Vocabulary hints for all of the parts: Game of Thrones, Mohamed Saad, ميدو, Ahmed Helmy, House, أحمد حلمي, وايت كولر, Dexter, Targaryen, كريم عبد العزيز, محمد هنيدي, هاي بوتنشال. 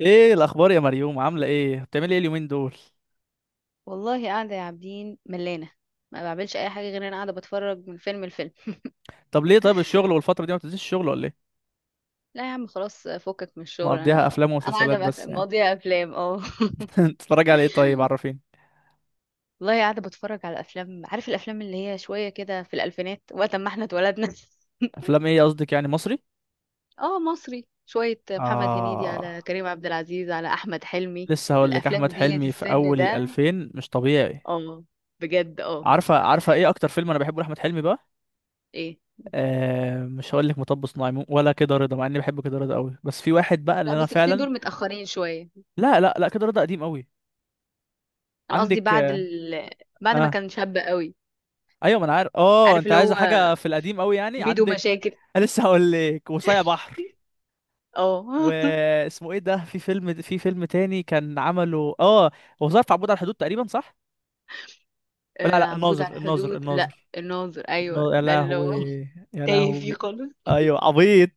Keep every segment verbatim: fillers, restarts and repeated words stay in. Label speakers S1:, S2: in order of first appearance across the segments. S1: ايه الاخبار يا مريوم؟ عامله ايه؟ بتعملي ايه اليومين دول؟
S2: والله قاعدة يا عابدين ملانة. ما بعملش أي حاجة غير إن أنا قاعدة بتفرج من فيلم لفيلم.
S1: طب ليه طيب؟ الشغل والفتره دي ما بتنزليش الشغل ولا ايه؟
S2: لا يا عم خلاص فكك من الشغل
S1: مقضيها
S2: أنا.
S1: افلام
S2: أنا
S1: ومسلسلات
S2: قاعدة بقى-
S1: بس يعني.
S2: مواضيع أفلام اه.
S1: تتفرجي على ايه طيب؟ عرفيني.
S2: والله قاعدة بتفرج على أفلام، عارف الأفلام اللي هي شوية كده في الألفينات وقت ما احنا اتولدنا.
S1: افلام ايه؟ قصدك يعني مصري؟
S2: اه مصري، شوية محمد هنيدي
S1: اه.
S2: على كريم عبد العزيز على أحمد حلمي.
S1: لسه هقول لك احمد
S2: الأفلام ديت
S1: حلمي في
S2: السن
S1: اول
S2: ده.
S1: الالفين مش طبيعي.
S2: اه بجد اه.
S1: عارفه؟ عارفه ايه اكتر فيلم انا بحبه لاحمد حلمي بقى؟
S2: ايه؟
S1: آه، مش هقول لك مطب صناعي مو- ولا كده رضا، مع اني بحب كده رضا قوي، بس في واحد بقى اللي
S2: لا
S1: انا
S2: بس الاتنين
S1: فعلا.
S2: دول متأخرين شوية.
S1: لا لا لا، كده رضا قديم قوي.
S2: أنا قصدي
S1: عندك.
S2: بعد ال... بعد ما
S1: اه
S2: كان شاب قوي.
S1: ايوه، ما انا عارف. اه
S2: عارف
S1: انت
S2: اللي
S1: عايز
S2: هو
S1: حاجه في القديم قوي يعني؟
S2: ميدو
S1: عندك.
S2: مشاكل.
S1: انا لسه هقول لك وصايع بحر.
S2: اه.
S1: واسمه ايه ده؟ في فيلم في فيلم تاني كان عمله، اه. هو ظرف عبود على الحدود تقريبا، صح؟ لا
S2: آه،
S1: لا،
S2: عبود على
S1: الناظر الناظر
S2: الحدود، لا
S1: الناظر.
S2: الناظر، ايوه
S1: النا- يا
S2: ده اللي
S1: لهوي.
S2: هو.
S1: يا
S2: تايه فيه
S1: لهوي.
S2: خالص.
S1: ايوه، عبيط.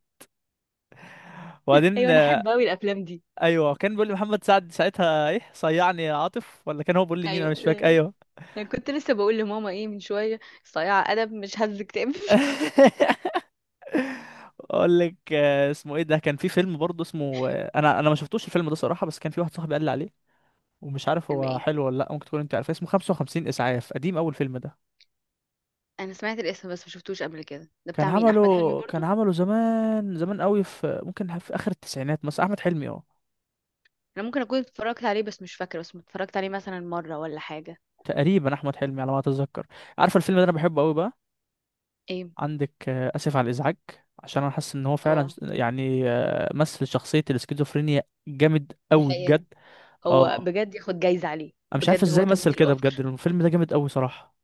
S1: وبعدين
S2: ايوه انا
S1: آه،
S2: احب قوي الافلام دي.
S1: ايوه، كان بيقول لي محمد سعد ساعتها: ايه صيعني يا عاطف؟ ولا كان هو بيقول لي مين، انا
S2: ايوه
S1: مش فاكر،
S2: آه،
S1: ايوه.
S2: انا كنت لسه بقول لماما ايه من شويه، صياع ادب مش هز كتاب.
S1: اقول لك آه، اسمه ايه ده؟ كان في فيلم برضه اسمه آه، انا انا ما شفتوش الفيلم ده صراحه، بس كان في واحد صاحبي قال لي عليه. ومش عارف
S2: فيلم
S1: هو
S2: ايه؟
S1: حلو ولا لا. ممكن تكون انت عارف اسمه؟ خمسة وخمسين اسعاف، قديم، اول فيلم ده.
S2: انا سمعت الاسم بس ما شفتوش قبل كده. ده
S1: كان
S2: بتاع مين، احمد حلمي
S1: عمله كان
S2: برضو؟
S1: عمله زمان زمان قوي، في ممكن في اخر التسعينات مثلا، احمد حلمي، اه.
S2: انا ممكن اكون اتفرجت عليه بس مش فاكره اسمه، اتفرجت عليه مثلا مره ولا حاجه.
S1: تقريبا احمد حلمي، على ما اتذكر. عارف الفيلم ده انا بحبه قوي بقى؟
S2: ايه؟
S1: عندك آه، اسف على الازعاج. عشان انا حاسس ان هو فعلا
S2: اه.
S1: ش- يعني آه، مثل شخصية الاسكيزوفرينيا. جامد
S2: دي
S1: قوي بجد.
S2: حقيقه. هو
S1: اه،
S2: بجد ياخد جايزه عليه،
S1: انا مش عارف
S2: بجد هو
S1: ازاي مثل
S2: تمثيل
S1: كده
S2: اوسكار.
S1: بجد. الفيلم ده جامد قوي صراحة.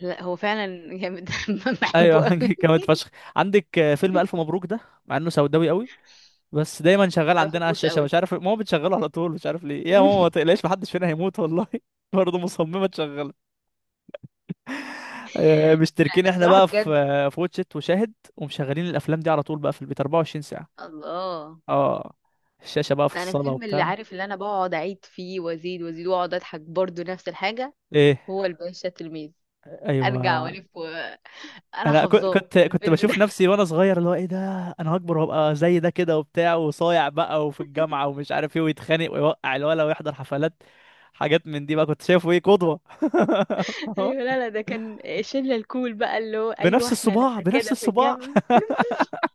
S2: لا هو فعلا جامد، بحبه
S1: ايوه،
S2: قوي.
S1: جامد فشخ. عندك آه، فيلم الف مبروك ده. مع انه سوداوي قوي. بس دايما شغال
S2: ما
S1: عندنا على
S2: بحبوش
S1: الشاشه،
S2: قوي.
S1: مش عارف ماما بتشغله على طول، مش عارف ليه. يا ماما ما تقلقش، محدش فينا هيموت والله. برضه مصممه تشغله. آه،
S2: لا
S1: مشتركين
S2: انا
S1: احنا
S2: الصراحه
S1: بقى في
S2: بجد.
S1: آه، في واتشت وشاهد، ومشغلين الافلام دي على طول بقى في البيت اربعة وعشرين ساعه.
S2: الله.
S1: اه. الشاشه بقى في
S2: لا انا
S1: الصاله
S2: الفيلم اللي
S1: وبتاع
S2: عارف اللي انا بقعد اعيد فيه وازيد وازيد واقعد اضحك برضو نفس الحاجه،
S1: ايه.
S2: هو الباشا تلميذ. ارجع
S1: ايوه،
S2: والف و... انا
S1: انا كو-
S2: حافظاه
S1: كنت كنت
S2: الفيلم ده.
S1: بشوف نفسي وانا صغير، اللي هو ايه ده. انا هكبر وابقى زي ده كده وبتاع، وصايع بقى، وفي الجامعه، ومش عارف ايه، ويتخانق، ويوقع الولا، ويحضر حفلات. حاجات من دي بقى كنت شايفه، ايه، قدوه.
S2: ايوه. لا لا ده كان الشله الكول بقى، اللي هو ايوه
S1: بنفس
S2: احنا
S1: الصباع
S2: هنبقى
S1: بنفس
S2: كده في
S1: الصباع.
S2: الجامعه.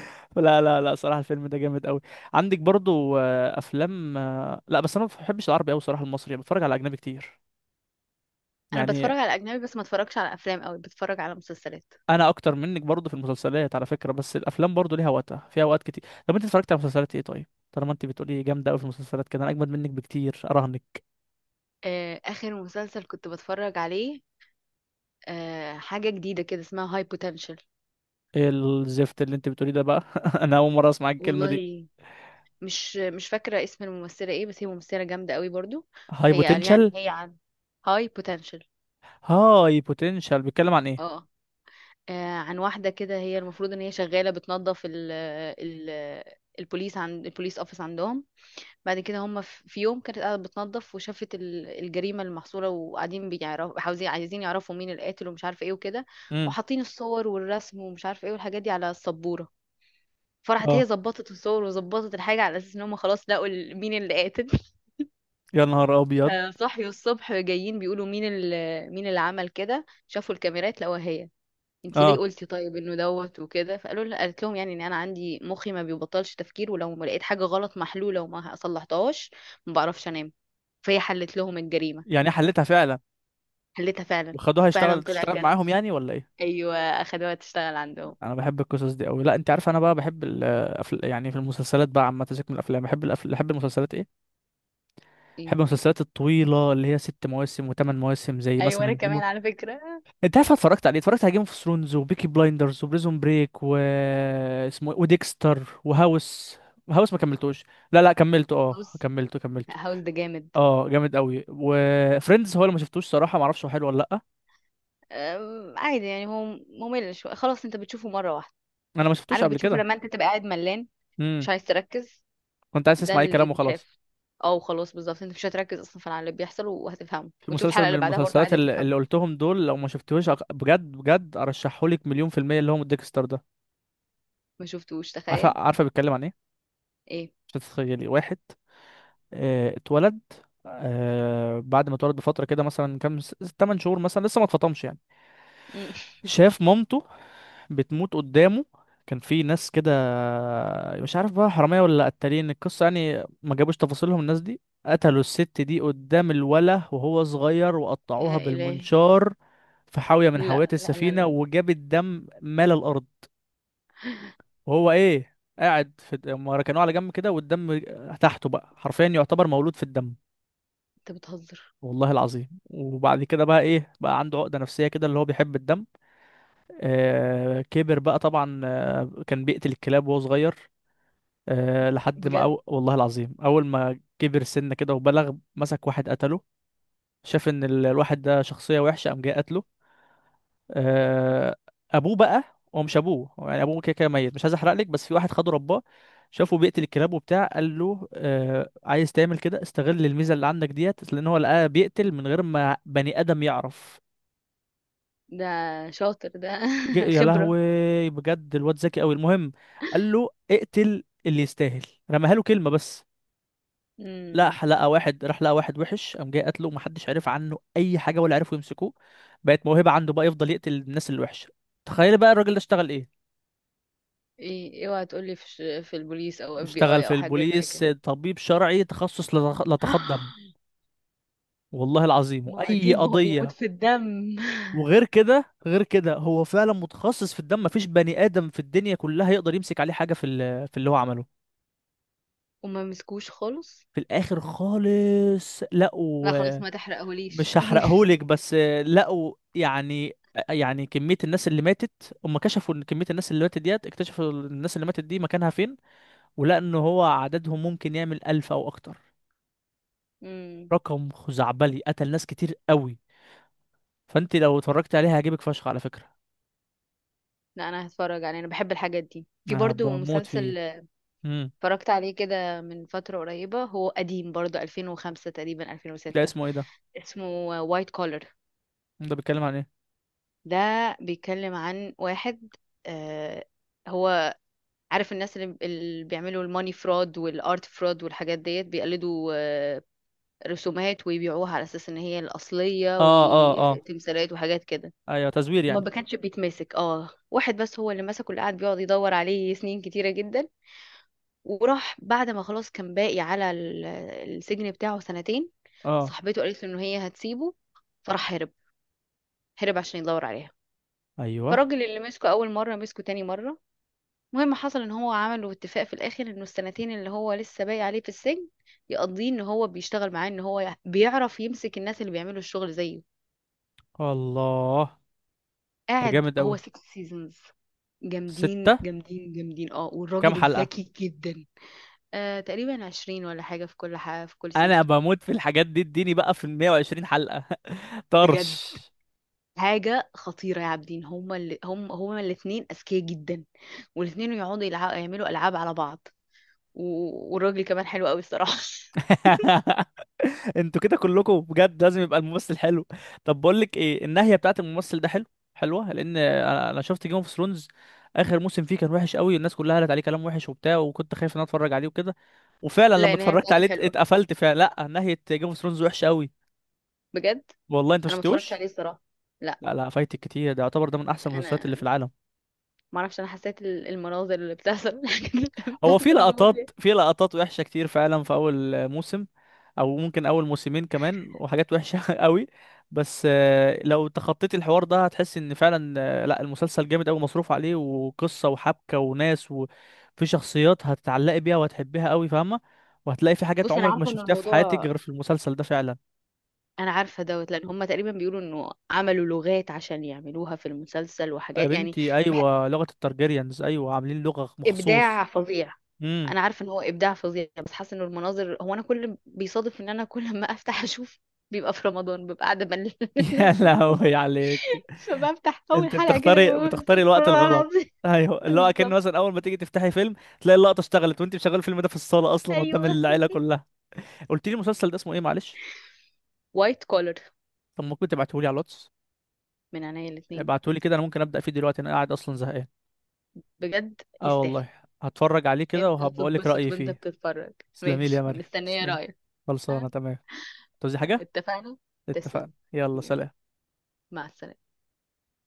S1: لا لا لا، صراحة الفيلم ده جامد قوي. عندك برضو آه، افلام آه، لا، بس انا ما بحبش العربي قوي صراحة، المصري. بتفرج على اجنبي كتير
S2: انا
S1: يعني.
S2: بتفرج على اجنبي بس ما اتفرجش على افلام قوي، بتفرج على مسلسلات.
S1: انا اكتر منك برضو في المسلسلات على فكرة، بس الافلام برضو ليها وقتها فيها وقت كتير. طب انت اتفرجت على مسلسلات ايه طيب، طالما انت بتقولي جامدة قوي في المسلسلات؟ كده انا اجمد منك بكتير، اراهنك.
S2: آه، اخر مسلسل كنت بتفرج عليه آه، حاجه جديده كده اسمها هاي بوتنشال.
S1: إيه الزفت اللي انت بتقوليه ده بقى؟ انا اول مرة اسمع الكلمة دي.
S2: والله مش مش فاكرة اسم الممثلة ايه بس هي ممثلة جامدة قوي برضو.
S1: هاي
S2: هي قال
S1: بوتنشال.
S2: يعني هي عن، هاي بوتنشال.
S1: هاي بوتنشال بيتكلم عن ايه؟
S2: اه. آه، عن واحدة كده، هي المفروض ان هي شغالة بتنظف ال ال البوليس، عند البوليس اوفيس عندهم. بعد كده هم في في يوم كانت قاعدة بتنظف وشافت ال- الجريمة المحصورة، وقاعدين بيعرفوا عاوزين عايزين يعرفوا مين القاتل ومش عارفة ايه وكده.
S1: امم.
S2: وحاطين الصور والرسم ومش عارفة ايه والحاجات دي على السبورة. فراحت هي
S1: اه.
S2: ظبطت الصور وظبطت الحاجة على اساس ان هم خلاص لقوا ال- مين اللي قاتل.
S1: يا نهار ابيض.
S2: آه، صحيوا الصبح جايين بيقولوا مين اللي مين اللي عمل كده، شافوا الكاميرات لقوها هي. انتي ليه
S1: اه.
S2: قلتي؟ طيب انه دوت وكده، فقالوا لها، قالت لهم يعني ان انا عندي مخي ما بيبطلش تفكير، ولو ما لقيت حاجه غلط محلوله وما صلحتهاش ما بعرفش انام. فهي حلت لهم الجريمه.
S1: يعني حلتها فعلا؟
S2: حلتها فعلا.
S1: وخدوها
S2: فعلا
S1: يشتغل
S2: طلع
S1: تشتغل
S2: كذا.
S1: معاهم يعني، ولا ايه؟
S2: ايوه اخدوها تشتغل عندهم.
S1: انا بحب القصص دي قوي. لا انت عارف، انا بقى بحب الأفل... يعني في المسلسلات بقى عامه، سيبك من الافلام، بحب الأفل... بحب المسلسلات، ايه.
S2: ايوه.
S1: بحب المسلسلات الطويله اللي هي ست مواسم وثمان مواسم، زي
S2: ايوه انا
S1: مثلا جيم اوف،
S2: كمان على فكره.
S1: انت عارف أنا اتفرجت عليه اتفرجت على جيم اوف ثرونز، وبيكي بلايندرز، وبريزون بريك، و اسمه إيه؟ وديكستر، وهاوس. هاوس ما كملتوش؟ لا لا، كملته، اه
S2: هاوس.
S1: كملته كملته.
S2: هاوس ده جامد.
S1: اه، جامد قوي. وفريندز هو اللي ما شفتوش صراحه، ما اعرفش هو حلو ولا لا.
S2: أم، عادي يعني هو ممل شويه، خلاص انت بتشوفه مره واحده.
S1: انا ما شفتوش
S2: عارف
S1: قبل
S2: بتشوفه
S1: كده.
S2: لما انت تبقى قاعد ملان مش
S1: امم.
S2: عايز تركز.
S1: كنت عايز
S2: ده
S1: اسمع اي
S2: اللي
S1: كلام وخلاص.
S2: اتشاف. اه خلاص بالظبط، انت مش هتركز اصلا في اللي بيحصل وهتفهمه،
S1: في
S2: وتشوف
S1: مسلسل
S2: الحلقة
S1: من
S2: اللي بعدها برضو
S1: المسلسلات
S2: عادي
S1: اللي,
S2: هتفهمه.
S1: اللي قلتهم دول، لو ما شفتهوش أق- بجد بجد ارشحهولك مليون في المية اللي هو ديكستر ده.
S2: ما شفتوش
S1: عارفة؟
S2: تخيل.
S1: عارفة بيتكلم عن ايه؟
S2: ايه؟
S1: مش هتتخيلي واحد آه، اتولد. آه، بعد ما اتولد بفترة كده مثلا كام، تمن شهور مثلا، لسه ما اتفطمش يعني.
S2: مم.
S1: شاف مامته بتموت قدامه. كان في ناس كده، مش عارف بقى حرامية ولا قتالين، القصة يعني ما جابوش تفاصيلهم الناس دي. قتلوا الست دي قدام الوله وهو صغير، وقطعوها
S2: يا إلهي.
S1: بالمنشار في حاوية من حاويات
S2: لا لا لا
S1: السفينة،
S2: لا،
S1: وجاب الدم مال الأرض. وهو إيه قاعد في الد- هما ركنوه على جنب كده، والدم تحته بقى، حرفيا يعتبر مولود في الدم.
S2: انت بتهزر.
S1: والله العظيم. وبعد كده بقى ايه، بقى عنده عقدة نفسية كده اللي هو بيحب الدم. آه كبر بقى طبعا، آه كان بيقتل الكلاب وهو صغير. أه، لحد ما
S2: بجد؟
S1: أو... والله العظيم اول ما كبر سنة كده وبلغ، مسك واحد قتله. شاف ان ال- الواحد ده شخصية وحشة، قام جاي قتله. أه. ابوه بقى. هو مش ابوه، هو يعني ابوه كده كده ميت، مش عايز احرق لك، بس في واحد خده رباه. شافه بيقتل الكلاب وبتاع، قال له: أه عايز تعمل كده، استغل الميزة اللي عندك ديت، لان هو لقاه بيقتل من غير ما بني ادم يعرف.
S2: ده شاطر ده.
S1: ج- يا
S2: خبرة.
S1: لهوي بجد، الواد ذكي قوي. المهم، قال له: اقتل اللي يستاهل. رماها له كلمة بس. لا،
S2: مم.
S1: حلقة واحد راح لقى واحد وحش، قام جاي قتله ومحدش عرف عنه أي حاجة ولا عرفوا يمسكوه. بقت موهبة عنده بقى، يفضل يقتل الناس الوحشة. تخيل بقى الراجل ده اشتغل ايه؟
S2: ايه؟ اوعى تقولي في ش- في البوليس او اف بي
S1: اشتغل
S2: اي
S1: في
S2: او حاجة زي
S1: البوليس
S2: كده.
S1: طبيب شرعي، تخصص لتخ- لتخدم دم. والله العظيم.
S2: ما هو
S1: وأي
S2: أكيد ما هو بيموت
S1: قضية،
S2: في الدم.
S1: وغير كده غير كده، هو فعلا متخصص في الدم، مفيش بني آدم في الدنيا كلها يقدر يمسك عليه حاجة في ال- في اللي هو عمله.
S2: وما مسكوش خالص؟
S1: في الآخر خالص
S2: لا
S1: لقوا.
S2: خلاص ما تحرقهوليش.
S1: مش هحرقهولك بس آه، لقوا يعني، يعني كمية الناس اللي ماتت، هم كشفوا ان كمية الناس اللي ماتت ديت، اكتشفوا الناس اللي ماتت دي مكانها فين. ولقى ان هو عددهم ممكن يعمل ألف او اكتر.
S2: مم.
S1: رقم خزعبلي، قتل ناس كتير قوي. فانت لو اتفرجت عليها هيعجبك فشخ على فكرة.
S2: لا انا هتفرج عليه، انا بحب الحاجات دي. في
S1: انا
S2: برضو
S1: بموت
S2: مسلسل
S1: فيه. امم.
S2: اتفرجت عليه كده من فترة قريبة، هو قديم برضه ألفين وخمسة تقريبا
S1: ده
S2: ألفين وستة،
S1: اسمه ايه ده؟
S2: اسمه وايت كولر.
S1: ده بيتكلم عن ايه؟
S2: ده بيتكلم عن واحد، آه هو عارف الناس اللي اللي بيعملوا الماني فراد والارت فراد والحاجات ديت، بيقلدوا آه رسومات ويبيعوها على اساس ان هي الاصلية،
S1: اه اه اه.
S2: وتمثالات وحاجات كده.
S1: ايوه، تزوير يعني.
S2: وما كانش بيتمسك، اه واحد بس هو اللي مسكه، اللي قاعد بيقعد يدور عليه سنين كتيرة جدا. وراح بعد ما خلاص كان باقي على ال- السجن بتاعه سنتين،
S1: اه،
S2: صاحبته قالت له ان هي هتسيبه، فراح هرب. هرب عشان يدور عليها.
S1: ايوه،
S2: فالراجل اللي مسكه اول مره مسكه تاني مره. المهم حصل ان هو عملوا اتفاق في الاخر انه السنتين اللي هو لسه باقي عليه في السجن يقضيه ان هو بيشتغل معاه، ان هو بيعرف يمسك الناس اللي بيعملوا الشغل زيه.
S1: الله، ده
S2: قاعد
S1: جامد
S2: هو
S1: قوي.
S2: ستة سيزونز. جامدين
S1: ستة.
S2: جامدين جامدين اه،
S1: كام
S2: والراجل
S1: حلقة؟
S2: ذكي جدا. آه تقريبا عشرين ولا حاجه في كل حاجه في كل
S1: انا
S2: سيزون.
S1: بموت في الحاجات دي، اديني بقى في ال ميه وعشرين حلقة.
S2: بجد
S1: طرش.
S2: حاجة خطيرة يا عابدين، هما اللي هم هما الاتنين أذكياء جدا، والاتنين يقعدوا يلعبوا يعملوا ألعاب على بعض و... والراجل كمان حلو قوي الصراحة.
S1: انتوا كده كلكم بجد، لازم يبقى الممثل حلو. طب بقول لك ايه، النهاية بتاعت الممثل ده حلو؟ حلوة، لان انا أنا شفت جيم اوف ثرونز. اخر موسم فيه كان وحش قوي، الناس كلها قالت عليه كلام وحش وبتاع، وكنت خايف ان أنا اتفرج عليه وكده. وفعلا
S2: لا
S1: لما
S2: النهاية
S1: اتفرجت
S2: بتاعته
S1: عليه ات-
S2: حلوة
S1: اتقفلت فعلا. لا، نهاية جيم اوف ثرونز وحشة قوي.
S2: بجد.
S1: والله انت ما
S2: أنا ما اتفرجتش
S1: شفتوش؟
S2: عليه الصراحة، لا.
S1: لا لا، فايتك كتير، ده يعتبر ده من احسن المسلسلات اللي في
S2: أنا
S1: العالم.
S2: ما أعرفش، أنا حسيت ال- المناظر اللي بتحصل الحاجات اللي
S1: هو في
S2: بتحصل جوه
S1: لقطات
S2: دي.
S1: في لقطات وحشة كتير فعلا في أول موسم. أو ممكن أول موسمين كمان، وحاجات وحشة قوي. بس آه، لو تخطيت الحوار ده هتحس إن فعلا آه، لا المسلسل جامد أوي، مصروف عليه، وقصة وحبكة وناس، وفي شخصيات هتتعلقي بيها وهتحبيها أوي، فاهمة؟ وهتلاقي في حاجات
S2: بص أنا
S1: عمرك ما
S2: عارفة إن
S1: شفتها في حياتك
S2: الموضوع،
S1: غير في المسلسل ده فعلا.
S2: أنا عارفة دوت، لأن هما تقريبا بيقولوا إنه عملوا لغات عشان يعملوها في المسلسل
S1: يا
S2: وحاجات يعني.
S1: بنتي
S2: ما
S1: أيوة، لغة التارجيريانز، أيوة عاملين لغة مخصوص.
S2: ابداع فظيع.
S1: امم.
S2: انا عارفه ان هو ابداع فظيع، بس حاسه انه المناظر، هو انا كل بيصادف ان انا كل ما افتح اشوف بيبقى في رمضان، ببقى قاعده
S1: يا
S2: بنلم في رمضان.
S1: لهوي عليك.
S2: فبفتح اول
S1: انت
S2: حلقه كده
S1: بتختاري
S2: بقول
S1: بتختاري
S2: استغفر
S1: الوقت
S2: الله
S1: الغلط.
S2: العظيم.
S1: ايوه، اللي هو كان
S2: بالظبط.
S1: مثلا اول ما تيجي تفتحي فيلم، تلاقي اللقطه اشتغلت وانت مشغل الفيلم ده في الصاله اصلا قدام
S2: ايوه.
S1: العيله كلها. قلت لي المسلسل ده اسمه ايه معلش؟
S2: وايت كولر.
S1: طب ممكن تبعته لي على الواتس؟
S2: من عينيا الاثنين.
S1: ابعته لي كده، انا ممكن ابدا فيه دلوقتي، انا قاعد اصلا زهقان.
S2: بجد
S1: اه
S2: يستاهل.
S1: والله. هتفرج عليه كده
S2: انت
S1: وهبقول لك
S2: هتتبسط
S1: رايي
S2: وانت
S1: فيه.
S2: بتتفرج.
S1: تسلمي لي يا
S2: ماشي
S1: مريم،
S2: مستنيه
S1: تسلمي.
S2: رايك.
S1: خلصانه
S2: ها؟
S1: تمام؟ تعوزي حاجه؟
S2: اتفقنا.
S1: اتفقنا.
S2: تسلم.
S1: يلا
S2: يلا،
S1: سلام.
S2: مع السلامه.